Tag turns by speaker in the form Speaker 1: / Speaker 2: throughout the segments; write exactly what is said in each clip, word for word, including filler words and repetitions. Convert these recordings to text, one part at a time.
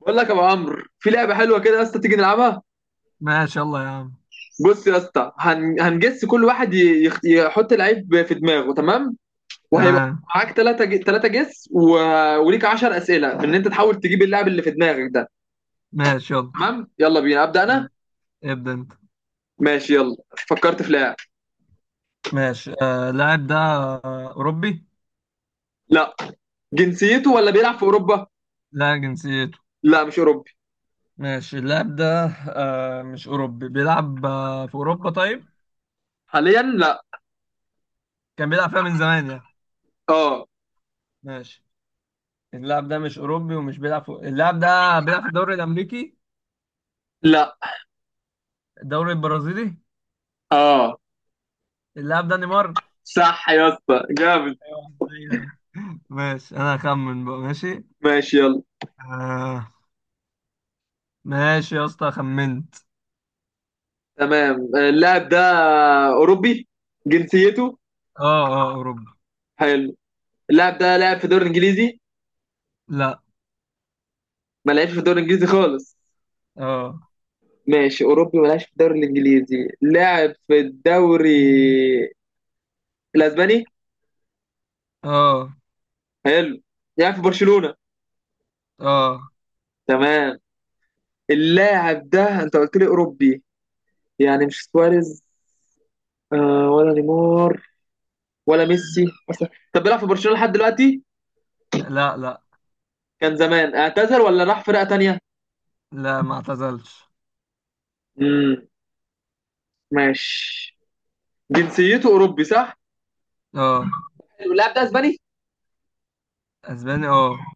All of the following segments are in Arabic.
Speaker 1: بقول لك يا ابو عمرو في لعبه حلوه كده يا اسطى تيجي نلعبها.
Speaker 2: ماشي، يلا يا عم.
Speaker 1: بص يا اسطى هن... هنجس كل واحد ي... يخ- يحط لعيب في دماغه، تمام؟ وهيبقى
Speaker 2: تمام.
Speaker 1: معاك ثلاثه ج... ثلاثه جس، و... وليك عشر اسئله ان انت تحاول تجيب اللاعب اللي في دماغك ده.
Speaker 2: ماشي يلا.
Speaker 1: تمام، يلا بينا، ابدا انا.
Speaker 2: ابدأ انت.
Speaker 1: ماشي يلا. فكرت في لاعب.
Speaker 2: ماشي. آه اللاعب ده آه أوروبي؟
Speaker 1: لا، جنسيته ولا بيلعب في اوروبا؟
Speaker 2: لا، جنسيته.
Speaker 1: لا، مش اوروبي.
Speaker 2: ماشي، اللاعب ده آه مش أوروبي، بيلعب آه في أوروبا طيب؟
Speaker 1: حاليا لا.
Speaker 2: كان بيلعب فيها من زمان يعني.
Speaker 1: اه.
Speaker 2: ماشي، اللاعب ده مش أوروبي ومش بيلعب في، اللاعب ده بيلعب في الدوري الأمريكي،
Speaker 1: لا.
Speaker 2: الدوري البرازيلي.
Speaker 1: اه.
Speaker 2: اللاعب ده نيمار.
Speaker 1: صح يا اسطى، جامد.
Speaker 2: ايوه، أيوة. ماشي، أنا هخمن بقى. ماشي.
Speaker 1: ماشي يلا.
Speaker 2: آه. ماشي يا اسطى، خمنت.
Speaker 1: تمام، اللاعب ده اوروبي، جنسيته.
Speaker 2: اه، اه، أوروبا.
Speaker 1: حلو. اللاعب ده لعب في الدوري الانجليزي؟
Speaker 2: لا.
Speaker 1: ما لعبش في الدوري الانجليزي خالص.
Speaker 2: اه،
Speaker 1: ماشي، اوروبي ما لعبش في الدوري الانجليزي، لعب في الدوري الاسباني.
Speaker 2: اه،
Speaker 1: حلو، لعب في برشلونة.
Speaker 2: اه،
Speaker 1: تمام. اللاعب ده انت قلت لي اوروبي، يعني مش سواريز آه ولا نيمار ولا ميسي اصلا. طب بيلعب في برشلونة لحد دلوقتي؟
Speaker 2: لا، لا،
Speaker 1: كان زمان اعتزل ولا راح فرقة تانية؟
Speaker 2: لا، ما اعتزلش.
Speaker 1: امم ماشي. جنسيته اوروبي صح؟
Speaker 2: اه،
Speaker 1: اللاعب ده اسباني.
Speaker 2: اسباني. اه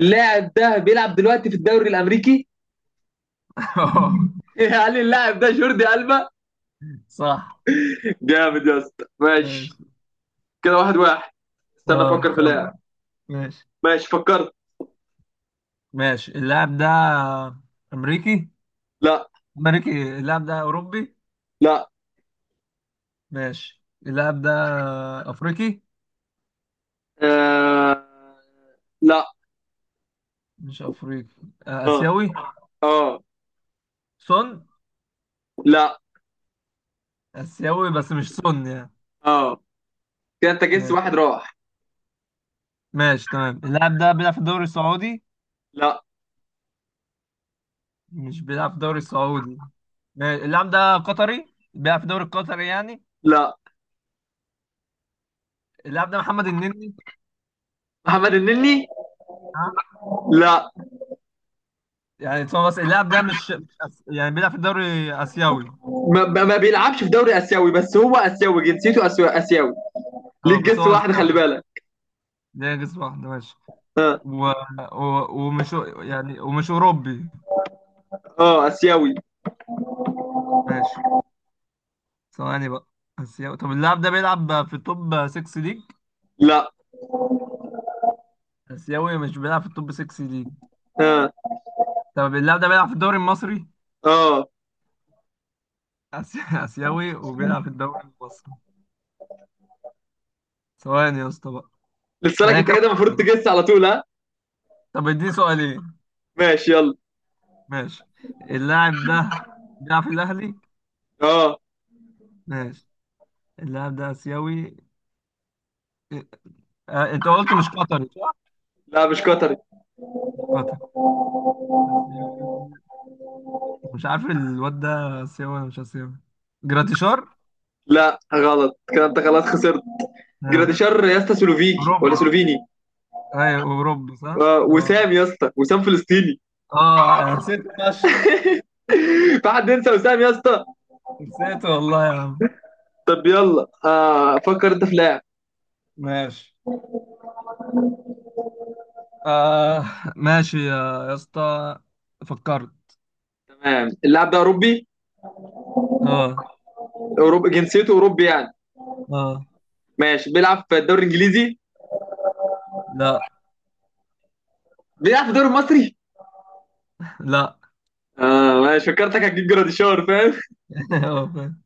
Speaker 1: اللاعب ده بيلعب دلوقتي في الدوري الامريكي؟
Speaker 2: اه.
Speaker 1: قال لي اللاعب ده جوردي ألبا.
Speaker 2: صح.
Speaker 1: جامد يا اسطى، ماشي.
Speaker 2: ماشي.
Speaker 1: كده واحد واحد. استنى
Speaker 2: اه،
Speaker 1: افكر في
Speaker 2: خم
Speaker 1: لاعب.
Speaker 2: ماشي.
Speaker 1: ماشي، فكرت.
Speaker 2: ماشي اللاعب ده امريكي.
Speaker 1: لا.
Speaker 2: امريكي؟ اللاعب ده اوروبي.
Speaker 1: لا.
Speaker 2: ماشي، اللاعب ده افريقي.
Speaker 1: آه... لا.
Speaker 2: مش افريقي. آه،
Speaker 1: اه.
Speaker 2: اسيوي.
Speaker 1: اه.
Speaker 2: سون.
Speaker 1: لا.
Speaker 2: اسيوي بس مش سون يعني.
Speaker 1: اه كده انت جس
Speaker 2: ماشي
Speaker 1: واحد راح.
Speaker 2: ماشي، تمام، اللاعب ده بيلعب في الدوري السعودي.
Speaker 1: لا.
Speaker 2: مش بيلعب في الدوري السعودي. ماشي، اللاعب ده قطري بيلعب في الدوري القطري يعني.
Speaker 1: لا.
Speaker 2: اللاعب ده محمد النني.
Speaker 1: محمد النني؟
Speaker 2: ها.
Speaker 1: لا.
Speaker 2: يعني هو، بس اللاعب ده مش مش أس... يعني بيلعب في الدوري اسيوي.
Speaker 1: ما, ما ما بيلعبش في دوري اسيوي، بس هو اسيوي، جنسيته أسيو- اسيوي.
Speaker 2: اه
Speaker 1: ليك
Speaker 2: بس هو
Speaker 1: جس واحد،
Speaker 2: اسيوي.
Speaker 1: خلي بالك.
Speaker 2: ده جنس واحد. ماشي.
Speaker 1: اه.
Speaker 2: و... و... ومش يعني، ومش اوروبي.
Speaker 1: اه اسيوي.
Speaker 2: ماشي. ثواني بقى. اسيوي، طب اللاعب ده بيلعب في التوب ستة ليج؟
Speaker 1: لا.
Speaker 2: اسيوي مش بيلعب في التوب ستة ليج.
Speaker 1: اه.
Speaker 2: طب اللاعب ده بيلعب في الدوري المصري؟
Speaker 1: اه.
Speaker 2: أسي... اسيوي وبيلعب في الدوري المصري. ثواني يا اسطى بقى.
Speaker 1: لسه لك
Speaker 2: انا
Speaker 1: انت
Speaker 2: كام
Speaker 1: كده، المفروض
Speaker 2: سؤال؟
Speaker 1: تجس على طول، ها.
Speaker 2: طب اديني سؤالين.
Speaker 1: ماشي يلا.
Speaker 2: ماشي. اللاعب ده بيلعب في الاهلي.
Speaker 1: اه.
Speaker 2: ماشي، اللاعب ده آسيوي. إيه، آه، انت قلت مش قطري صح؟
Speaker 1: لا مش قطري.
Speaker 2: قطر، آسيوي. مش عارف الواد ده آسيوي ولا مش آسيوي. جراتيشار؟
Speaker 1: لا، غلط كده، انت خلاص خسرت.
Speaker 2: اه،
Speaker 1: جراديشار يا اسطى، سلوفيكي ولا
Speaker 2: أوروبي.
Speaker 1: سلوفيني.
Speaker 2: أيوه أوروبي صح؟
Speaker 1: آه،
Speaker 2: اه.
Speaker 1: وسام يا اسطى، وسام فلسطيني.
Speaker 2: اه، أنا نسيت فشخ.
Speaker 1: في حد ينسى وسام يا اسطى؟
Speaker 2: نسيت والله يا عم.
Speaker 1: طب يلا، آه، فكر انت في لاعب.
Speaker 2: ماشي. آه. ماشي يا يا اسطى، فكرت.
Speaker 1: تمام، اللاعب ده اوروبي؟
Speaker 2: اه،
Speaker 1: اوروبي، جنسيته اوروبي يعني؟
Speaker 2: اه،
Speaker 1: ماشي، بيلعب في الدوري الانجليزي؟
Speaker 2: لا،
Speaker 1: بيلعب في الدوري المصري؟
Speaker 2: لا،
Speaker 1: اه ماشي، فكرتك هتجيب جراديشار، فاهم؟
Speaker 2: اه فاهم.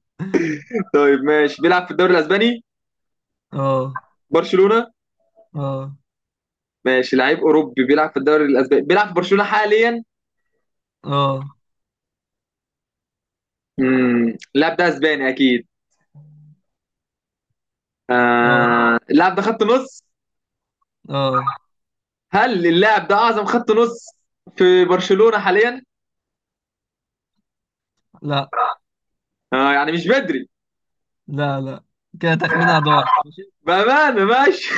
Speaker 1: طيب ماشي، بيلعب في الدوري الاسباني؟
Speaker 2: اه،
Speaker 1: برشلونة؟
Speaker 2: اه،
Speaker 1: ماشي، لعيب اوروبي بيلعب في الدوري الاسباني، بيلعب في برشلونة حاليا.
Speaker 2: اه،
Speaker 1: امم اللاعب ده اسباني اكيد.
Speaker 2: اه،
Speaker 1: آه اللاعب ده خط نص.
Speaker 2: اه،
Speaker 1: هل اللاعب ده اعظم خط نص في برشلونة حاليا؟
Speaker 2: لا،
Speaker 1: آه يعني مش بدري.
Speaker 2: لا، لا، كده تخمينها ضاع. ماشي.
Speaker 1: بأمانة ماشي.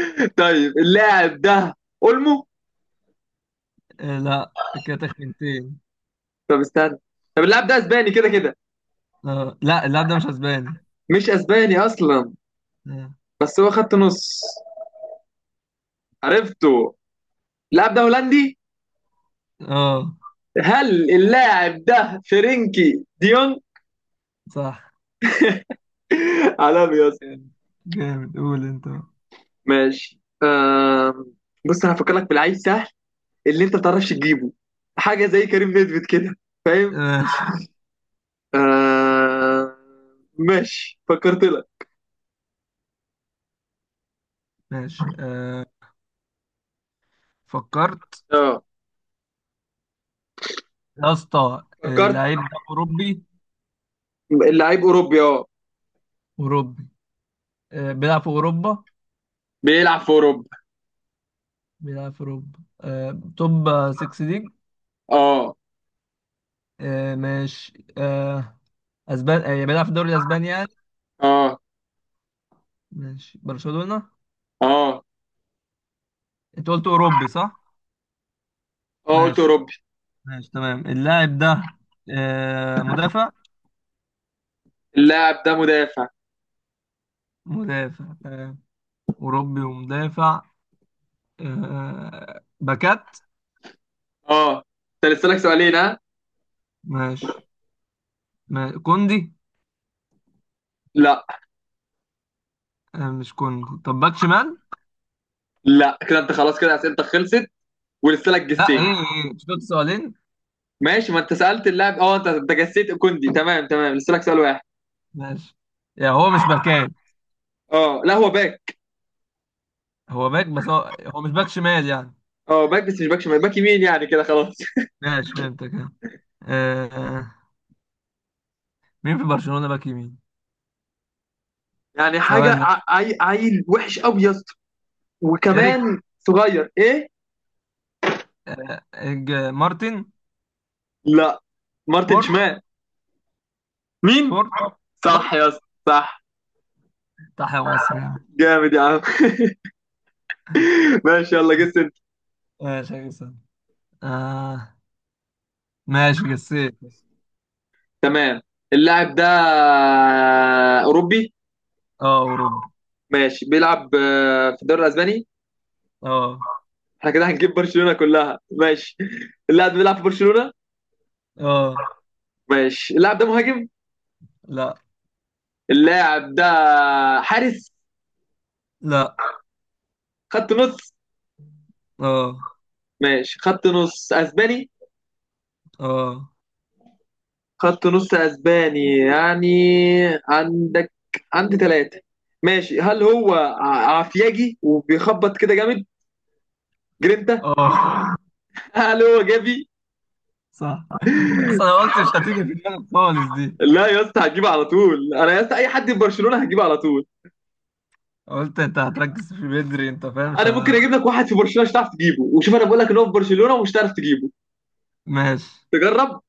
Speaker 1: طيب اللاعب ده اولمو؟
Speaker 2: آه، لا. كده تخمينتين.
Speaker 1: طب استنى، طب اللاعب ده اسباني كده كده؟
Speaker 2: آه. لا، اللاعب ده مش اسباني.
Speaker 1: مش اسباني اصلا؟
Speaker 2: اه.
Speaker 1: بس هو خط نص. عرفته. اللاعب ده هولندي.
Speaker 2: آه،
Speaker 1: هل اللاعب ده فرنكي ديون؟
Speaker 2: صح.
Speaker 1: عالمي يا اسطى.
Speaker 2: جامد. جامد. قول انت بقى.
Speaker 1: ماشي آه، بص انا هفكر لك في لعيب سهل اللي انت ما بتعرفش تجيبه، حاجه زي كريم نيدفيد كده.
Speaker 2: ماشي.
Speaker 1: آه ماشي، فكرت لك.
Speaker 2: ماشي. آه. فكرت
Speaker 1: اه،
Speaker 2: يا اسطى. آه،
Speaker 1: فكرت.
Speaker 2: اللعيب ده اوروبي.
Speaker 1: اللعيب اوروبي، اه.
Speaker 2: اوروبي. آه. بيلعب في اوروبا.
Speaker 1: بيلعب في اوروبا.
Speaker 2: بيلعب في اوروبا. آه. توب ستة ليج.
Speaker 1: اه.
Speaker 2: آه. ماشي. آه. اسبان، آه، يعني بيلعب في الدوري الاسباني يعني.
Speaker 1: اه.
Speaker 2: ماشي، برشلونة.
Speaker 1: اه.
Speaker 2: انت قلت اوروبي صح؟
Speaker 1: اه قلت
Speaker 2: ماشي
Speaker 1: اوروبي.
Speaker 2: ماشي، تمام، اللاعب ده آه مدافع.
Speaker 1: اللاعب ده مدافع.
Speaker 2: مدافع، تمام. أوروبي ومدافع. آه، باكات.
Speaker 1: اه. انت لسه لك سؤالين، ها.
Speaker 2: ماشي. ما- كوندي.
Speaker 1: لا.
Speaker 2: آه، مش كوندي. طب باك شمال.
Speaker 1: لا كده انت خلاص، كده اسئلتك خلصت، ولسه لك
Speaker 2: لا. ايه،
Speaker 1: جسين.
Speaker 2: ايه، شفت، سؤالين؟
Speaker 1: ماشي، ما انت سالت اللاعب، اه انت انت جسيت كوندي تمام تمام، لسه لك سؤال واحد.
Speaker 2: ماشي. يعني هو مش باكات.
Speaker 1: اه لا هو باك.
Speaker 2: هو باك، بس هو, هو مش باك شمال يعني.
Speaker 1: اه باك، بس مش باك شمال، باك يمين يعني، كده خلاص.
Speaker 2: ماشي فهمتك. آه، آه، مين في برشلونة باك يمين؟
Speaker 1: يعني حاجه
Speaker 2: ثواني بس.
Speaker 1: ع- عي... عيل وحش قوي يا اسطى،
Speaker 2: إريك.
Speaker 1: وكمان صغير، ايه.
Speaker 2: آه، إج- مارتن.
Speaker 1: لا. مارتن
Speaker 2: فورت.
Speaker 1: شمال. مين؟
Speaker 2: فورت. فورت.
Speaker 1: صح يا اسطى. صح.
Speaker 2: تحيا مصر يعني.
Speaker 1: جامد يا عم. ماشي يلا، جس انت.
Speaker 2: ماشي يا جسام. آه. ماشي، قسيت.
Speaker 1: تمام، اللاعب ده اوروبي.
Speaker 2: اه، أوروبي.
Speaker 1: ماشي، بيلعب آه، في الدوري الاسباني.
Speaker 2: اه.
Speaker 1: احنا كده هنجيب برشلونة كلها ماشي. اللاعب ده بيلعب في برشلونة.
Speaker 2: اه،
Speaker 1: ماشي، اللاعب ده مهاجم؟
Speaker 2: لا،
Speaker 1: اللاعب ده حارس؟
Speaker 2: لا.
Speaker 1: خط نص؟
Speaker 2: اه،
Speaker 1: ماشي، خط نص اسباني.
Speaker 2: اه،
Speaker 1: خط نص اسباني يعني، عندك، عندي ثلاثة. ماشي، هل هو ع- عفياجي وبيخبط كده جامد، جرينتا؟
Speaker 2: اه،
Speaker 1: هل هو جافي؟
Speaker 2: صح. أصلا أنا قلت مش هتيجي في دماغك خالص دي.
Speaker 1: لا يا اسطى، هجيبه على طول انا يا اسطى، اي حد في برشلونة هجيبه على طول.
Speaker 2: قلت أنت هتركز في بدري. أنت فاهم مش
Speaker 1: انا ممكن
Speaker 2: ه...
Speaker 1: اجيب لك واحد في برشلونة مش هتعرف تجيبه، وشوف انا بقول لك ان هو في برشلونة ومش هتعرف تجيبه.
Speaker 2: ماشي.
Speaker 1: تجرب.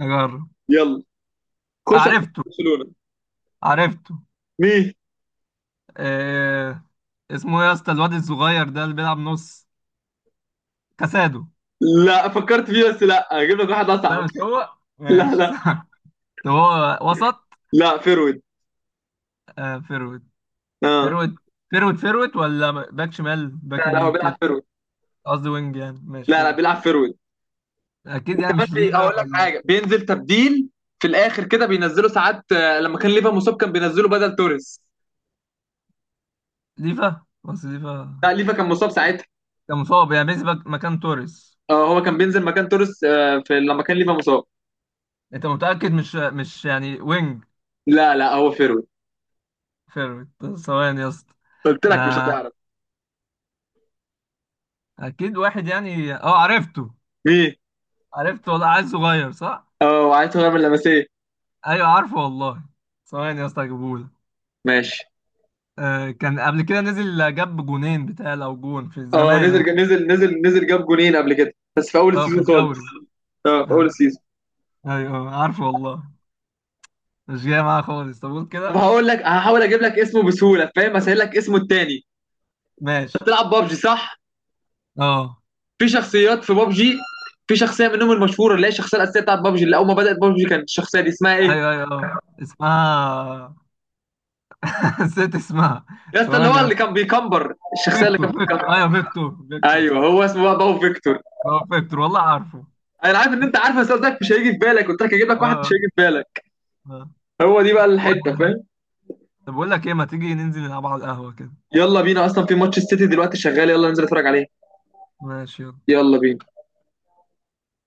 Speaker 2: أجرب.
Speaker 1: يلا، خش على
Speaker 2: عرفته.
Speaker 1: برشلونة.
Speaker 2: عرفته.
Speaker 1: مين؟
Speaker 2: آه... اسمه إيه يا اسطى الواد الصغير ده اللي بيلعب نص؟ كاسادو.
Speaker 1: لا فكرت فيه، بس لا هجيب لك واحد اصعب.
Speaker 2: ده مش هو؟
Speaker 1: لا
Speaker 2: ماشي
Speaker 1: لا.
Speaker 2: صح. طب هو وسط.
Speaker 1: لا فيرويد.
Speaker 2: آه، فيرو
Speaker 1: اه.
Speaker 2: فيرويد. فيرويد، فيرويد ولا باك شمال باك
Speaker 1: لا لا، هو
Speaker 2: يمين كده؟
Speaker 1: بيلعب فيرويد.
Speaker 2: قصدي وينج يعني. ماشي،
Speaker 1: لا لا،
Speaker 2: فيرويد.
Speaker 1: بيلعب فيرويد.
Speaker 2: اكيد يعني
Speaker 1: كمان
Speaker 2: مش
Speaker 1: بي- هقول
Speaker 2: ليفا
Speaker 1: لك
Speaker 2: ولا؟
Speaker 1: حاجه، بينزل تبديل في الاخر كده، بينزله ساعات آه، لما كان ليفا مصاب كان بينزله بدل توريس.
Speaker 2: ليفا. بس ليفا
Speaker 1: لا ليفا كان مصاب ساعتها.
Speaker 2: كان مصاب يعني بينزل باك- مكان توريس.
Speaker 1: اه هو كان بينزل مكان توريس آه، في لما كان ليفا مصاب.
Speaker 2: انت متأكد مش مش يعني وينج؟
Speaker 1: لا لا هو فيرويد.
Speaker 2: فيرويد. ثواني يا اسطى.
Speaker 1: قلت لك مش
Speaker 2: آه،
Speaker 1: هتعرف.
Speaker 2: اكيد واحد يعني. اه، عرفته.
Speaker 1: مين؟
Speaker 2: عرفته والله. عيل صغير صح؟
Speaker 1: اه وعايز هو من لمسيه.
Speaker 2: ايوه عارفه والله. ثواني يا اسطى هجيبهولك.
Speaker 1: ماشي.
Speaker 2: آه، كان قبل كده نزل جاب جونين بتاع او جون في
Speaker 1: اه
Speaker 2: زمان يعني.
Speaker 1: نزل نزل نزل نزل جاب جونين قبل كده، بس في اول
Speaker 2: اه، في
Speaker 1: السيزون خالص.
Speaker 2: الدوري.
Speaker 1: اه في اول
Speaker 2: اه،
Speaker 1: السيزون.
Speaker 2: ايوه. آه، عارفه والله. مش جاية معاها خالص. طب قول
Speaker 1: طب
Speaker 2: كده.
Speaker 1: هقول لك، هحاول اجيب لك اسمه بسهوله، فاهم، اسهل لك اسمه التاني.
Speaker 2: ماشي.
Speaker 1: بتلعب بابجي صح؟
Speaker 2: اه،
Speaker 1: في شخصيات في بابجي. في شخصيه منهم المشهوره، اللي هي الشخصيه الاساسيه بتاعت بابجي، اللي اول ما بدات بابجي كانت الشخصيه دي، اسمها ايه؟
Speaker 2: ايوه. ايوه اه اسمها. نسيت اسمها.
Speaker 1: يا اسطى اللي
Speaker 2: ثواني
Speaker 1: هو
Speaker 2: يا
Speaker 1: اللي
Speaker 2: اسطى.
Speaker 1: كان بيكمبر، الشخصيه اللي
Speaker 2: فيكتور،
Speaker 1: كان بيكمبر.
Speaker 2: فيكتور، ايوه فيكتور. فيكتور،
Speaker 1: ايوه هو
Speaker 2: صح.
Speaker 1: اسمه بقى باو فيكتور.
Speaker 2: هو فيكتور والله عارفه.
Speaker 1: انا عارف ان انت عارف، بس قصدك مش هيجي في بالك، قلت لك هجيب لك واحد
Speaker 2: اه.
Speaker 1: مش هيجي في بالك.
Speaker 2: اه.
Speaker 1: هو دي
Speaker 2: آه.
Speaker 1: بقى
Speaker 2: طب بقول.
Speaker 1: الحته، فاهم؟
Speaker 2: طب بقول لك ايه، ما تيجي ننزل نلعب على القهوة كده؟
Speaker 1: يلا بينا، اصلا في ماتش السيتي دلوقتي شغال، يلا ننزل نتفرج عليه.
Speaker 2: ماشي يلا.
Speaker 1: يلا بينا.